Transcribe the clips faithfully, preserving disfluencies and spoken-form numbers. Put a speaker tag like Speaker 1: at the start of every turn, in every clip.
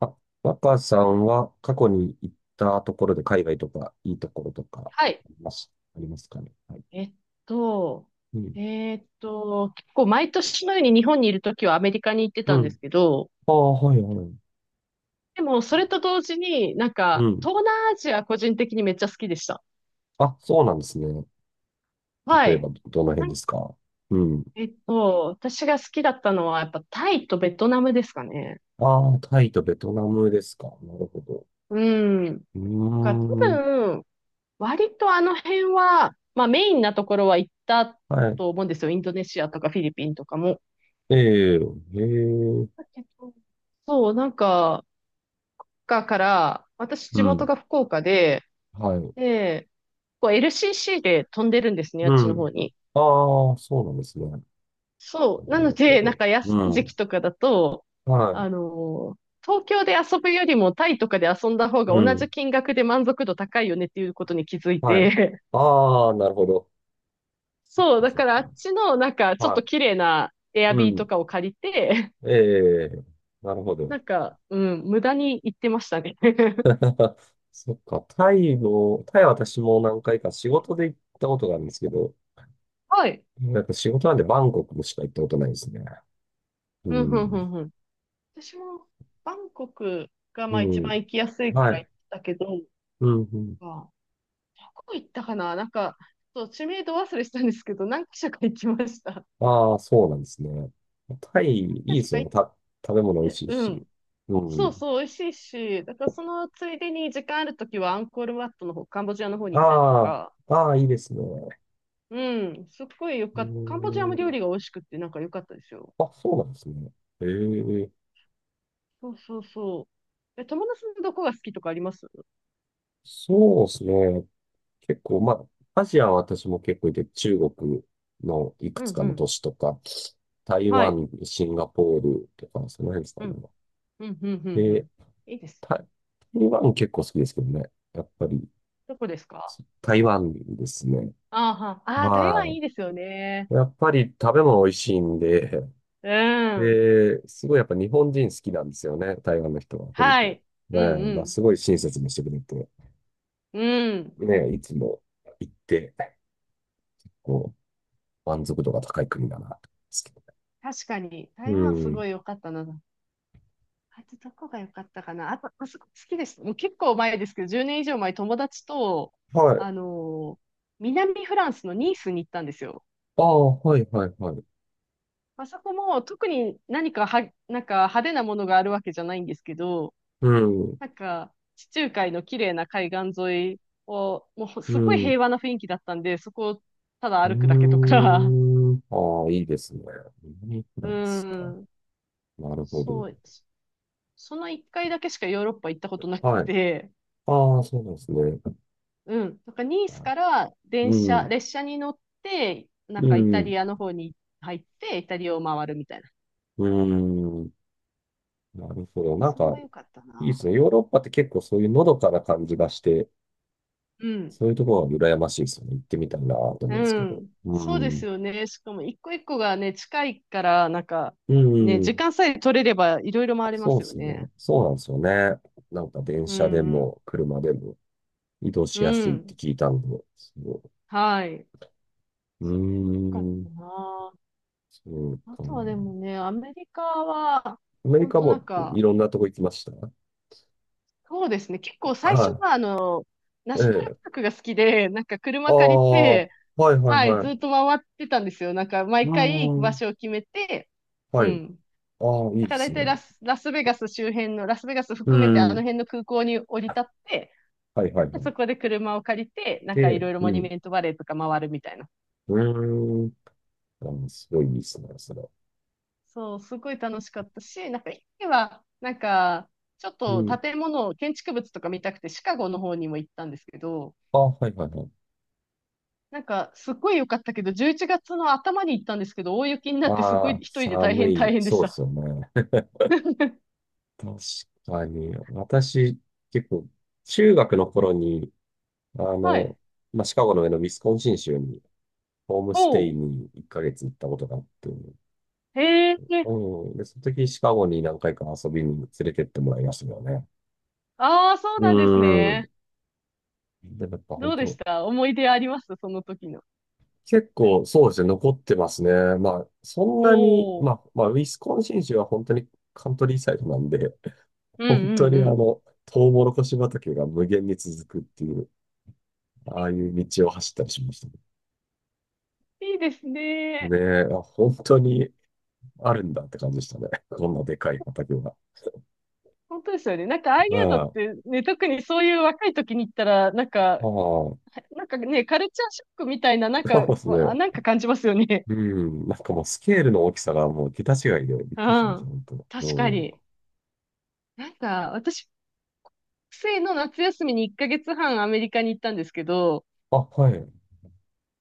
Speaker 1: あ、若さんは過去に行ったところで海外とかいいところとか
Speaker 2: はい。
Speaker 1: あります、ありますかね。はい。
Speaker 2: えっと、
Speaker 1: うん。
Speaker 2: えっと、結構毎年のように日本にいるときはアメリカに行って
Speaker 1: う
Speaker 2: たんで
Speaker 1: ん。
Speaker 2: すけど、
Speaker 1: ああ、はいはい。
Speaker 2: でもそれと同時になん
Speaker 1: う
Speaker 2: か
Speaker 1: ん。
Speaker 2: 東南アジア個人的にめっちゃ好きでした。
Speaker 1: あ、そうなんですね。
Speaker 2: は
Speaker 1: 例えば
Speaker 2: い。
Speaker 1: ど、どの
Speaker 2: な
Speaker 1: 辺
Speaker 2: ん
Speaker 1: で
Speaker 2: か
Speaker 1: すか？うん。
Speaker 2: えっと、私が好きだったのはやっぱタイとベトナムですかね。
Speaker 1: ああ、タイとベトナムですか。なるほど。
Speaker 2: うん。
Speaker 1: う
Speaker 2: か多
Speaker 1: ーん。
Speaker 2: 分、割とあの辺は、まあメインなところは行った
Speaker 1: はい。
Speaker 2: と思うんですよ。インドネシアとかフィリピンとかも。
Speaker 1: ええ、へえ。
Speaker 2: だけどそう、なんか、岡から、私
Speaker 1: う
Speaker 2: 地元
Speaker 1: ん。
Speaker 2: が福岡で、
Speaker 1: はい。
Speaker 2: で、こう エルシーシー で飛んでるんですね、あ
Speaker 1: う
Speaker 2: っちの方
Speaker 1: ん。
Speaker 2: に。
Speaker 1: ああ、そうなんですね。なる
Speaker 2: そう。なの
Speaker 1: ほ
Speaker 2: で、なん
Speaker 1: ど。
Speaker 2: か安
Speaker 1: う
Speaker 2: い時
Speaker 1: ん。
Speaker 2: 期とかだと、
Speaker 1: は
Speaker 2: あのー東京で遊ぶよりもタイとかで遊んだ方
Speaker 1: い。
Speaker 2: が
Speaker 1: う
Speaker 2: 同
Speaker 1: ん。
Speaker 2: じ金額で満足度高いよねっていうことに気づい
Speaker 1: はい。
Speaker 2: て、
Speaker 1: ああ、なるほど。そっ
Speaker 2: そう、
Speaker 1: か
Speaker 2: だ
Speaker 1: そっ
Speaker 2: からあっち
Speaker 1: か。
Speaker 2: のなんかちょっ
Speaker 1: は
Speaker 2: と
Speaker 1: い。
Speaker 2: 綺麗なエア
Speaker 1: う
Speaker 2: ビーと
Speaker 1: ん。
Speaker 2: かを借りて、
Speaker 1: ええ、なるほど。
Speaker 2: なんか、うん、無駄に行ってましたね。
Speaker 1: そっか。タイも、タイは私も何回か仕事で行ったことがあるんですけど、
Speaker 2: はい。
Speaker 1: なんか仕事なんでバンコクしか行ったことないですね。う
Speaker 2: うん、うん、う
Speaker 1: ん。
Speaker 2: ん、うん。私もバンコクが
Speaker 1: う
Speaker 2: まあ一番
Speaker 1: ん。
Speaker 2: 行きやすいか
Speaker 1: は
Speaker 2: ら
Speaker 1: い。
Speaker 2: 行ったけど、
Speaker 1: うん、うん。
Speaker 2: まあどこ行ったかななんか、そう、知名度忘れしたんですけど、何か所か行きました。
Speaker 1: ああ、そうなんですね。タイ、い
Speaker 2: 何
Speaker 1: い
Speaker 2: か
Speaker 1: で
Speaker 2: 所
Speaker 1: す
Speaker 2: か
Speaker 1: よね。
Speaker 2: 行っ
Speaker 1: た、食べ物美味
Speaker 2: て、
Speaker 1: しい
Speaker 2: う
Speaker 1: し。
Speaker 2: ん。
Speaker 1: う
Speaker 2: そう
Speaker 1: ん。
Speaker 2: そう、美味しいし、だからそのついでに時間あるときはアンコールワットの方、カンボジアの方に行ったりと
Speaker 1: ああ、
Speaker 2: か、
Speaker 1: ああ、いいですね。
Speaker 2: うん、すっごいよ
Speaker 1: う
Speaker 2: かった。カンボジアも
Speaker 1: ー
Speaker 2: 料
Speaker 1: ん。
Speaker 2: 理が美味しくってなんか良かったですよ。
Speaker 1: あ、そうなんですね。ええ、
Speaker 2: そうそうそう。え、友達のどこが好きとかあります
Speaker 1: そうですね。結構、まあ、アジアは私も結構いて、中国のいく
Speaker 2: うん
Speaker 1: つか
Speaker 2: う
Speaker 1: の
Speaker 2: ん。
Speaker 1: 都市とか、台
Speaker 2: はい。
Speaker 1: 湾、シンガポールとか、その辺ですか
Speaker 2: うん。
Speaker 1: ね。
Speaker 2: うん、うん、うん、う
Speaker 1: で、
Speaker 2: ん。いいです。
Speaker 1: 台台湾結構好きですけどね。やっぱり、
Speaker 2: どこですか？
Speaker 1: 台湾ですね。
Speaker 2: あーは、あー台湾
Speaker 1: は
Speaker 2: いいですよね。
Speaker 1: い。やっぱり食べ物美味しいんで、
Speaker 2: うん。
Speaker 1: で、すごいやっぱ日本人好きなんですよね。台湾の人は、本
Speaker 2: は
Speaker 1: 当。ね、
Speaker 2: い。う
Speaker 1: まあ、
Speaker 2: ん
Speaker 1: すごい親切にしてくれて、
Speaker 2: うん。うん。
Speaker 1: ね、いつも行って、こう、満足度が高い国だな、と思うんですけど。
Speaker 2: 確かに、
Speaker 1: う
Speaker 2: 台湾す
Speaker 1: ん。
Speaker 2: ごい良かったな。あとどこが良かったかな。あと、あそこ好きです。もう結構前ですけど、じゅうねん以上前、友達と、
Speaker 1: はい。
Speaker 2: あのー南フランスのニースに行ったんですよ。
Speaker 1: ああ、はいはいはい。
Speaker 2: まあそこも特に何かは、なんか派手なものがあるわけじゃないんですけど、
Speaker 1: うん、
Speaker 2: なんか、地中海の綺麗な海岸沿いを、もう
Speaker 1: う
Speaker 2: すっごい
Speaker 1: ん、う
Speaker 2: 平和な雰囲気だったんで、そこをただ歩くだけと
Speaker 1: ー
Speaker 2: か、
Speaker 1: ん。ああ、いいですね。南フ ラ
Speaker 2: う
Speaker 1: ンスか。
Speaker 2: ん、
Speaker 1: なるほど。
Speaker 2: そう、そその一回だけしかヨーロッパ行ったことなく
Speaker 1: はい。
Speaker 2: て、
Speaker 1: ああ、そうなんですね。
Speaker 2: うん、なんかニース
Speaker 1: あ
Speaker 2: から電
Speaker 1: う
Speaker 2: 車、
Speaker 1: ん、
Speaker 2: 列車に乗って、な
Speaker 1: う
Speaker 2: んかイタ
Speaker 1: ん、
Speaker 2: リアの方に入って、イタリアを回るみたいな。
Speaker 1: うん。なるほど。なん
Speaker 2: それ
Speaker 1: か、
Speaker 2: も良かった
Speaker 1: いいで
Speaker 2: な。
Speaker 1: すね。ヨーロッパって結構そういうのどかな感じがして、
Speaker 2: うん。
Speaker 1: そういうところは羨ましいですよね。行ってみたいなと思うんです
Speaker 2: う
Speaker 1: けど。
Speaker 2: ん。
Speaker 1: う
Speaker 2: そうです
Speaker 1: ん、
Speaker 2: よね。しかも一個一個がね、近いから、なんか、
Speaker 1: う
Speaker 2: ね、時
Speaker 1: ん。
Speaker 2: 間さえ取れればいろいろ回れま
Speaker 1: そう
Speaker 2: す
Speaker 1: で
Speaker 2: よ
Speaker 1: す
Speaker 2: ね。
Speaker 1: ね。そうなんですよね。なんか電
Speaker 2: うん、
Speaker 1: 車で
Speaker 2: うん。
Speaker 1: も車でも。移動
Speaker 2: う
Speaker 1: しやすいって
Speaker 2: ん。
Speaker 1: 聞いたんで、そ
Speaker 2: はい。よ
Speaker 1: う。う
Speaker 2: かっ
Speaker 1: ー
Speaker 2: た
Speaker 1: ん、
Speaker 2: な。
Speaker 1: そう
Speaker 2: あ
Speaker 1: か。
Speaker 2: とはでもね、アメリカは、
Speaker 1: アメリ
Speaker 2: 本
Speaker 1: カ
Speaker 2: 当な
Speaker 1: も
Speaker 2: ん
Speaker 1: い
Speaker 2: か、
Speaker 1: ろんなとこ行きました？
Speaker 2: そうですね。結構最初
Speaker 1: は
Speaker 2: は、あの、
Speaker 1: い。
Speaker 2: ナ
Speaker 1: え
Speaker 2: ショナル
Speaker 1: え。
Speaker 2: パークが好きで、なんか
Speaker 1: あ
Speaker 2: 車借り
Speaker 1: あ、は
Speaker 2: て、
Speaker 1: いはい
Speaker 2: はい、
Speaker 1: は
Speaker 2: ずっ
Speaker 1: い。
Speaker 2: と回ってたんですよ。なんか
Speaker 1: う
Speaker 2: 毎
Speaker 1: ー
Speaker 2: 回行く場
Speaker 1: ん。
Speaker 2: 所を決めて、う
Speaker 1: はい。
Speaker 2: ん。
Speaker 1: ああ、いい
Speaker 2: だ
Speaker 1: で
Speaker 2: から
Speaker 1: す
Speaker 2: 大
Speaker 1: ね。
Speaker 2: 体ラス、ラスベガス周辺の、ラスベガス
Speaker 1: う
Speaker 2: 含めてあの
Speaker 1: ん。
Speaker 2: 辺の空港に降り立って、
Speaker 1: はいはい
Speaker 2: で
Speaker 1: は
Speaker 2: そ
Speaker 1: い。
Speaker 2: こで車を借りて、なんかい
Speaker 1: で、
Speaker 2: ろいろ
Speaker 1: う
Speaker 2: モニュ
Speaker 1: ん。
Speaker 2: メントバレーとか回るみたいな。
Speaker 1: うーん。あのすごいいいですね、それ。
Speaker 2: そう、すごい楽しかったし、なんか一時は、なんか、ちょっ
Speaker 1: う
Speaker 2: と
Speaker 1: ん。
Speaker 2: 建物、建築物とか見たくてシカゴの方にも行ったんですけど、
Speaker 1: あ、はいはいはい。
Speaker 2: なんかすっごい良かったけど、じゅういちがつの頭に行ったんですけど、大雪になってす
Speaker 1: あ
Speaker 2: ごい
Speaker 1: あ、
Speaker 2: 一人で大
Speaker 1: 寒
Speaker 2: 変大
Speaker 1: い。
Speaker 2: 変でし
Speaker 1: そうで
Speaker 2: た。
Speaker 1: すよね。確かに。私、結構、中学の頃に、あ
Speaker 2: はい。
Speaker 1: の、まあ、シカゴの上のウィスコンシン州に、ホームステ
Speaker 2: お
Speaker 1: イ
Speaker 2: う。
Speaker 1: にいっかげつ行ったことがあって、
Speaker 2: へえ。
Speaker 1: うん。で、その時シカゴに何回か遊びに連れてってもらいましたけどね。
Speaker 2: ああ、そう
Speaker 1: う
Speaker 2: なんです
Speaker 1: ん。
Speaker 2: ね。
Speaker 1: でもやっぱ本
Speaker 2: どうでし
Speaker 1: 当、
Speaker 2: た、思い出ありますその時の？
Speaker 1: 結構そうですね、残ってますね。まあ、そんなに、
Speaker 2: お
Speaker 1: まあ、
Speaker 2: ー。
Speaker 1: まあ、ウィスコンシン州は本当にカントリーサイドなんで、
Speaker 2: うん
Speaker 1: 本当
Speaker 2: うん
Speaker 1: に
Speaker 2: う
Speaker 1: あ
Speaker 2: ん。
Speaker 1: の、トウモロコシ畑が無限に続くっていう、ああいう道を走ったりしましたね。
Speaker 2: いいですね。
Speaker 1: ねえ、本当にあるんだって感じでしたね。こんなでかい畑が。
Speaker 2: 本当ですよね。なんかああい
Speaker 1: う
Speaker 2: うの
Speaker 1: ん
Speaker 2: っ
Speaker 1: ああ、
Speaker 2: てね、特にそういう若い時に行ったら、なんか、
Speaker 1: そ
Speaker 2: なんかね、カルチャーショックみたいな、なんか、
Speaker 1: うです
Speaker 2: わ
Speaker 1: ね。
Speaker 2: なんか感じますよね。
Speaker 1: うん。なんかもうスケールの大きさがもう桁違いでびっ
Speaker 2: う
Speaker 1: くりしました、
Speaker 2: ん。
Speaker 1: 本当。
Speaker 2: 確か
Speaker 1: うん。
Speaker 2: に。なんか、私、学生の夏休みにいっかげつはんアメリカに行ったんですけど、
Speaker 1: あ、はい。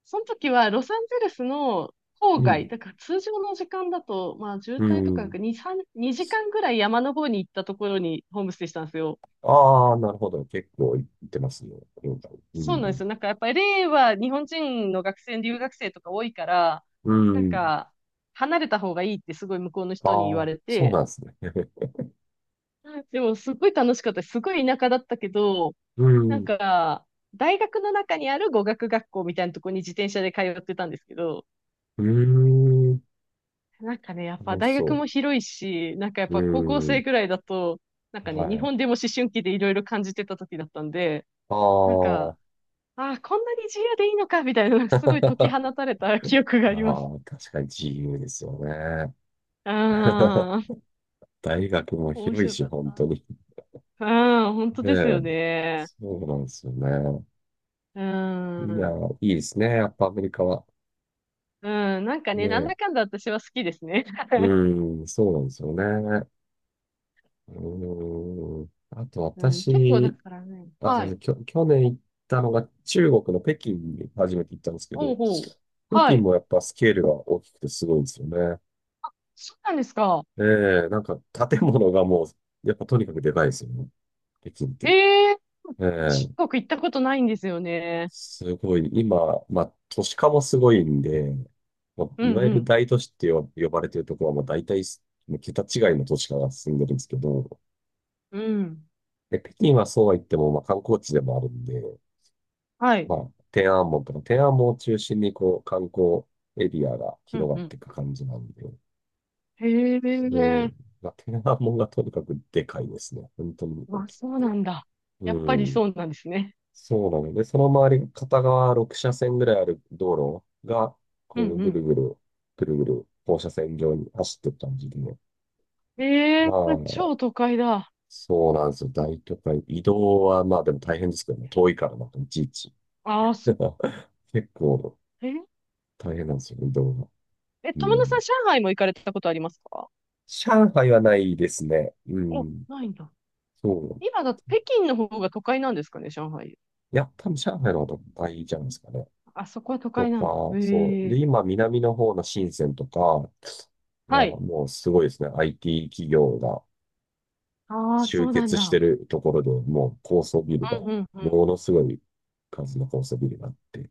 Speaker 2: その時はロサンゼルスの
Speaker 1: う
Speaker 2: 郊外、
Speaker 1: ん。
Speaker 2: だから通常の時間だと、まあ渋
Speaker 1: う
Speaker 2: 滞とかな
Speaker 1: ん。
Speaker 2: くに、さん、にじかんぐらい山の方に行ったところにホームステイしたんですよ。
Speaker 1: ああ、なるほど。結構いってますね。う
Speaker 2: そうなんです
Speaker 1: ん。
Speaker 2: よ。なんかやっぱり l は日本人の学生、留学生とか多いから、
Speaker 1: う
Speaker 2: なん
Speaker 1: ん。
Speaker 2: か離れた方がいいってすごい向こうの人に言
Speaker 1: あ
Speaker 2: わ
Speaker 1: あ、
Speaker 2: れ
Speaker 1: そう
Speaker 2: て、
Speaker 1: なんですね。
Speaker 2: でもすごい楽しかったです。すごい田舎だったけど、
Speaker 1: う
Speaker 2: なん
Speaker 1: ん。
Speaker 2: か大学の中にある語学学校みたいなところに自転車で通ってたんですけど、
Speaker 1: うーん。
Speaker 2: なんかね、やっぱ
Speaker 1: 楽し
Speaker 2: 大学
Speaker 1: そ
Speaker 2: も広いし、なんかやっ
Speaker 1: う。う
Speaker 2: ぱ高校
Speaker 1: ー
Speaker 2: 生
Speaker 1: ん。
Speaker 2: ぐらいだと、なんか
Speaker 1: は
Speaker 2: ね、日
Speaker 1: い。
Speaker 2: 本でも思春期でいろいろ感じてた時だったんで、
Speaker 1: あ
Speaker 2: なん
Speaker 1: あ。
Speaker 2: か、ああ、こんなに自由でいいのか、みたいな、なんかすごい解き放 たれた記憶があ
Speaker 1: あ
Speaker 2: ります。
Speaker 1: あ、確かに自由ですよね。
Speaker 2: ああ、
Speaker 1: 大学も
Speaker 2: 面
Speaker 1: 広い
Speaker 2: 白か
Speaker 1: し、
Speaker 2: っ
Speaker 1: 本
Speaker 2: た。
Speaker 1: 当に。
Speaker 2: ああ、本当
Speaker 1: ね
Speaker 2: です
Speaker 1: え、
Speaker 2: よね。
Speaker 1: そうなんですよね。
Speaker 2: う
Speaker 1: いや、
Speaker 2: ん。
Speaker 1: いいですね。やっぱアメリカは。
Speaker 2: うん、なんか
Speaker 1: ね
Speaker 2: ね、なん
Speaker 1: え。
Speaker 2: だかんだ私は好きですね。
Speaker 1: うん、そうなんですよね。うん。あと
Speaker 2: うん、結構だ
Speaker 1: 私、
Speaker 2: からね。
Speaker 1: あ、そう
Speaker 2: は
Speaker 1: で
Speaker 2: い。
Speaker 1: すきょ、去年行ったのが中国の北京に初めて行ったんですけ
Speaker 2: ほう
Speaker 1: ど、
Speaker 2: ほう。
Speaker 1: 北
Speaker 2: は
Speaker 1: 京
Speaker 2: い。
Speaker 1: もやっぱスケールが大きくてすごいんですよね。
Speaker 2: そうなんですか？
Speaker 1: ええ、なんか建物がもう、やっぱとにかくでかいですよね。北京って。
Speaker 2: へえ、
Speaker 1: え
Speaker 2: 中
Speaker 1: え
Speaker 2: 国行ったことないんですよね。
Speaker 1: すごい、今、まあ、都市化もすごいんで、まあ、
Speaker 2: う
Speaker 1: いわ
Speaker 2: ん
Speaker 1: ゆ
Speaker 2: う
Speaker 1: る
Speaker 2: ん。
Speaker 1: 大都市って呼呼ばれてるところは、まあ、大体、もう桁違いの都市化が進んでるんですけど、
Speaker 2: うん。
Speaker 1: で、北京はそうは言っても、まあ、観光地でもあるんで、
Speaker 2: は
Speaker 1: ま
Speaker 2: い。
Speaker 1: あ、天安門とか、天安門を中心に、こう、観光エリアが
Speaker 2: う
Speaker 1: 広
Speaker 2: ん
Speaker 1: が
Speaker 2: う
Speaker 1: っ
Speaker 2: ん。
Speaker 1: ていく感じなんで、
Speaker 2: へ
Speaker 1: で、
Speaker 2: え。
Speaker 1: まあ、天安門がとにかくでかいですね。本当に大
Speaker 2: あ、
Speaker 1: きく
Speaker 2: そうな
Speaker 1: て。
Speaker 2: んだ。やっ
Speaker 1: う
Speaker 2: ぱり
Speaker 1: ん。
Speaker 2: そうなんですね。
Speaker 1: そうなので、その周り、片側ろく車線ぐらいある道路が、
Speaker 2: う
Speaker 1: こう、
Speaker 2: んう
Speaker 1: ぐる
Speaker 2: ん。
Speaker 1: ぐる、ぐるぐる、放射線状に走ってった感じでね、
Speaker 2: ええ、
Speaker 1: まあ、
Speaker 2: 超都会だ。
Speaker 1: そうなんですよ。大都会。移動は、まあでも大変ですけどね。遠いからなんかいちいち。
Speaker 2: ああ、そ、
Speaker 1: 結構
Speaker 2: えー、
Speaker 1: 大変なんですよ、移動が。
Speaker 2: え、
Speaker 1: う
Speaker 2: 友野さ
Speaker 1: ん。
Speaker 2: ん、上海も行かれたことありますか？
Speaker 1: 上海はないですね。う
Speaker 2: お、
Speaker 1: ん。
Speaker 2: ないんだ。
Speaker 1: そう。
Speaker 2: 今だ、北京の方が都会なんですかね、上海。
Speaker 1: いや、多分上海の方が大会じゃないですかね。
Speaker 2: あそこは都
Speaker 1: と
Speaker 2: 会なんだ。
Speaker 1: か、そう。
Speaker 2: へえ。
Speaker 1: で、今、南の方の深センとか、あ
Speaker 2: はい。
Speaker 1: もうすごいですね。アイティー 企業が
Speaker 2: ああ、そ
Speaker 1: 集
Speaker 2: うなん
Speaker 1: 結して
Speaker 2: だ。
Speaker 1: るところで、もう高層ビ
Speaker 2: う
Speaker 1: ルが、
Speaker 2: んうんうん。
Speaker 1: ものすごい数の高層ビルがあって、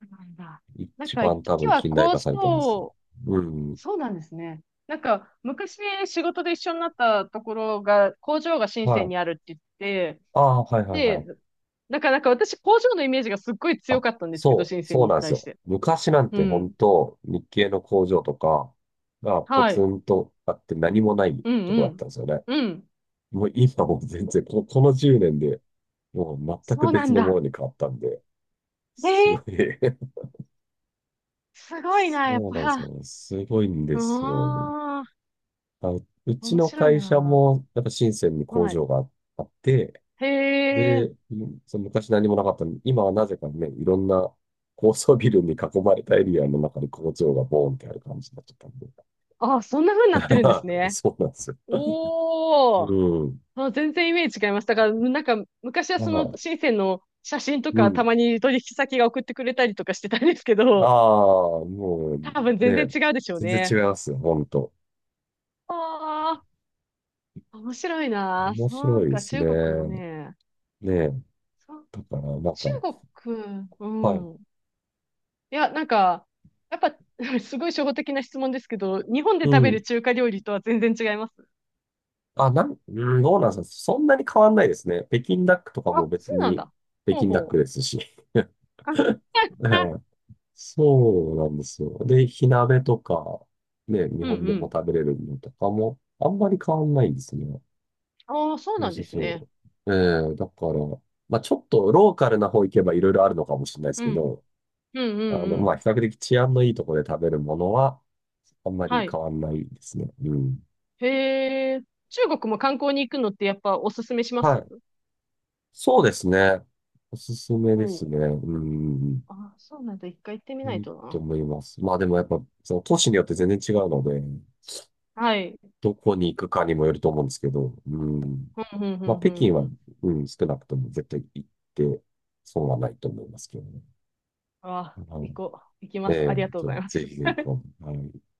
Speaker 2: そうなんだ。なん
Speaker 1: 一
Speaker 2: か、一
Speaker 1: 番多
Speaker 2: 時
Speaker 1: 分
Speaker 2: は
Speaker 1: 近代
Speaker 2: 工
Speaker 1: 化されてます。
Speaker 2: 場、
Speaker 1: うん。
Speaker 2: そうなんですね。なんか、昔仕事で一緒になったところが、工場が深
Speaker 1: は
Speaker 2: セン
Speaker 1: い。
Speaker 2: にあるって言って、
Speaker 1: ああ、はいはいはい。
Speaker 2: で、なんかなんか私、工場のイメージがすっごい強
Speaker 1: あ、
Speaker 2: かったんですけど、
Speaker 1: そう、
Speaker 2: 深セン
Speaker 1: そう
Speaker 2: に
Speaker 1: なんです
Speaker 2: 対し
Speaker 1: よ。
Speaker 2: て。
Speaker 1: 昔なん
Speaker 2: う
Speaker 1: て本
Speaker 2: ん。
Speaker 1: 当、日系の工場とかがポ
Speaker 2: は
Speaker 1: ツ
Speaker 2: い。
Speaker 1: ンとあって何もない
Speaker 2: うん
Speaker 1: とこ
Speaker 2: う
Speaker 1: だった
Speaker 2: ん。
Speaker 1: んですよね。
Speaker 2: うん。
Speaker 1: もう今も全然、この、このじゅうねんで、もう全く
Speaker 2: そうなん
Speaker 1: 別のも
Speaker 2: だ。
Speaker 1: のに変わったんで、
Speaker 2: えー、
Speaker 1: すごい
Speaker 2: すごいな、やっ
Speaker 1: そうなんです
Speaker 2: ぱ。
Speaker 1: よ。すごいんで
Speaker 2: う
Speaker 1: すよ。
Speaker 2: ーん。
Speaker 1: あ、うち
Speaker 2: 面
Speaker 1: の
Speaker 2: 白い
Speaker 1: 会社
Speaker 2: な。
Speaker 1: も、やっぱ深センに工
Speaker 2: はい。
Speaker 1: 場があって、
Speaker 2: へえ。
Speaker 1: で、うんその昔何もなかったのに、今はなぜかね、いろんな高層ビルに囲まれたエリアの中に工場がボーンってある感じになっちゃったんで。
Speaker 2: あ、そんな風になってるんです ね。
Speaker 1: そうなんですよ。う
Speaker 2: おー。
Speaker 1: ん。
Speaker 2: あ、全然イメージ違います。だから、なんか、昔は
Speaker 1: あ
Speaker 2: その
Speaker 1: あ、
Speaker 2: 深センの写真と
Speaker 1: う
Speaker 2: か、た
Speaker 1: ん。
Speaker 2: まに取引先が送ってくれたりとかしてたんですけ
Speaker 1: あ
Speaker 2: ど、
Speaker 1: あ、もう
Speaker 2: 多分全然
Speaker 1: ね、
Speaker 2: 違うでしょう
Speaker 1: 全然違
Speaker 2: ね。
Speaker 1: いますよ、ほんと。
Speaker 2: ああ、面白いな。
Speaker 1: 面
Speaker 2: そ
Speaker 1: 白
Speaker 2: う
Speaker 1: いで
Speaker 2: か、
Speaker 1: すね。
Speaker 2: 中国もね。
Speaker 1: ね
Speaker 2: そう、
Speaker 1: だから、なん
Speaker 2: 中
Speaker 1: か、
Speaker 2: 国、う
Speaker 1: はい。
Speaker 2: ん。いや、なんか、やっぱ、すごい初歩的な質問ですけど、日本で
Speaker 1: う
Speaker 2: 食べ
Speaker 1: ん。
Speaker 2: る中華料理とは全然違います。
Speaker 1: あ、なん、うん、どうなんですか？そんなに変わんないですね。北京ダックとかも
Speaker 2: あ、
Speaker 1: 別
Speaker 2: そうなん
Speaker 1: に
Speaker 2: だ。
Speaker 1: 北
Speaker 2: ほう
Speaker 1: 京ダック
Speaker 2: ほ
Speaker 1: で
Speaker 2: う。
Speaker 1: すし。
Speaker 2: あ、
Speaker 1: はいそうなんですよ。で、火鍋とか、ね、日
Speaker 2: うん
Speaker 1: 本で
Speaker 2: う
Speaker 1: も
Speaker 2: ん。
Speaker 1: 食べれるのとかも、あんまり変わんないんですね。
Speaker 2: ああ、そう
Speaker 1: そう
Speaker 2: なん
Speaker 1: そ
Speaker 2: で
Speaker 1: う
Speaker 2: すね。
Speaker 1: そう。ええだから、まあちょっとローカルな方行けばいろいろあるのかもしれないです
Speaker 2: う
Speaker 1: け
Speaker 2: ん。
Speaker 1: ど、
Speaker 2: うんう
Speaker 1: あ
Speaker 2: ん
Speaker 1: の、
Speaker 2: う
Speaker 1: まあ、
Speaker 2: ん。
Speaker 1: 比較的治安のいいところで食べるものは、あんま
Speaker 2: は
Speaker 1: り
Speaker 2: い。
Speaker 1: 変わんないですね。うん。
Speaker 2: へえ、中国も観光に行くのってやっぱおすすめしま
Speaker 1: は
Speaker 2: す
Speaker 1: い。そうですね。おすすめ
Speaker 2: お
Speaker 1: ですね。
Speaker 2: う、
Speaker 1: うん。
Speaker 2: あ、そうなんだ。一回行ってみ
Speaker 1: い
Speaker 2: ない
Speaker 1: い
Speaker 2: と
Speaker 1: と
Speaker 2: な。
Speaker 1: 思います。まあでもやっぱ、その都市によって全然違うので、
Speaker 2: はい。
Speaker 1: どこに行くかにもよると思うんですけど、うん。
Speaker 2: ふんふんふ
Speaker 1: まあ、
Speaker 2: んふ
Speaker 1: 北
Speaker 2: ん
Speaker 1: 京
Speaker 2: ふ
Speaker 1: は、
Speaker 2: ん。
Speaker 1: うん、少なくとも絶対行って、損はないと思いますけどね。
Speaker 2: あ、
Speaker 1: は
Speaker 2: 行こう。行き
Speaker 1: い。
Speaker 2: ま
Speaker 1: え
Speaker 2: す。あ
Speaker 1: え
Speaker 2: りが
Speaker 1: と、
Speaker 2: とう
Speaker 1: ち
Speaker 2: ござい
Speaker 1: ょ
Speaker 2: ま
Speaker 1: ぜ
Speaker 2: す。
Speaker 1: ひぜひ、こうはい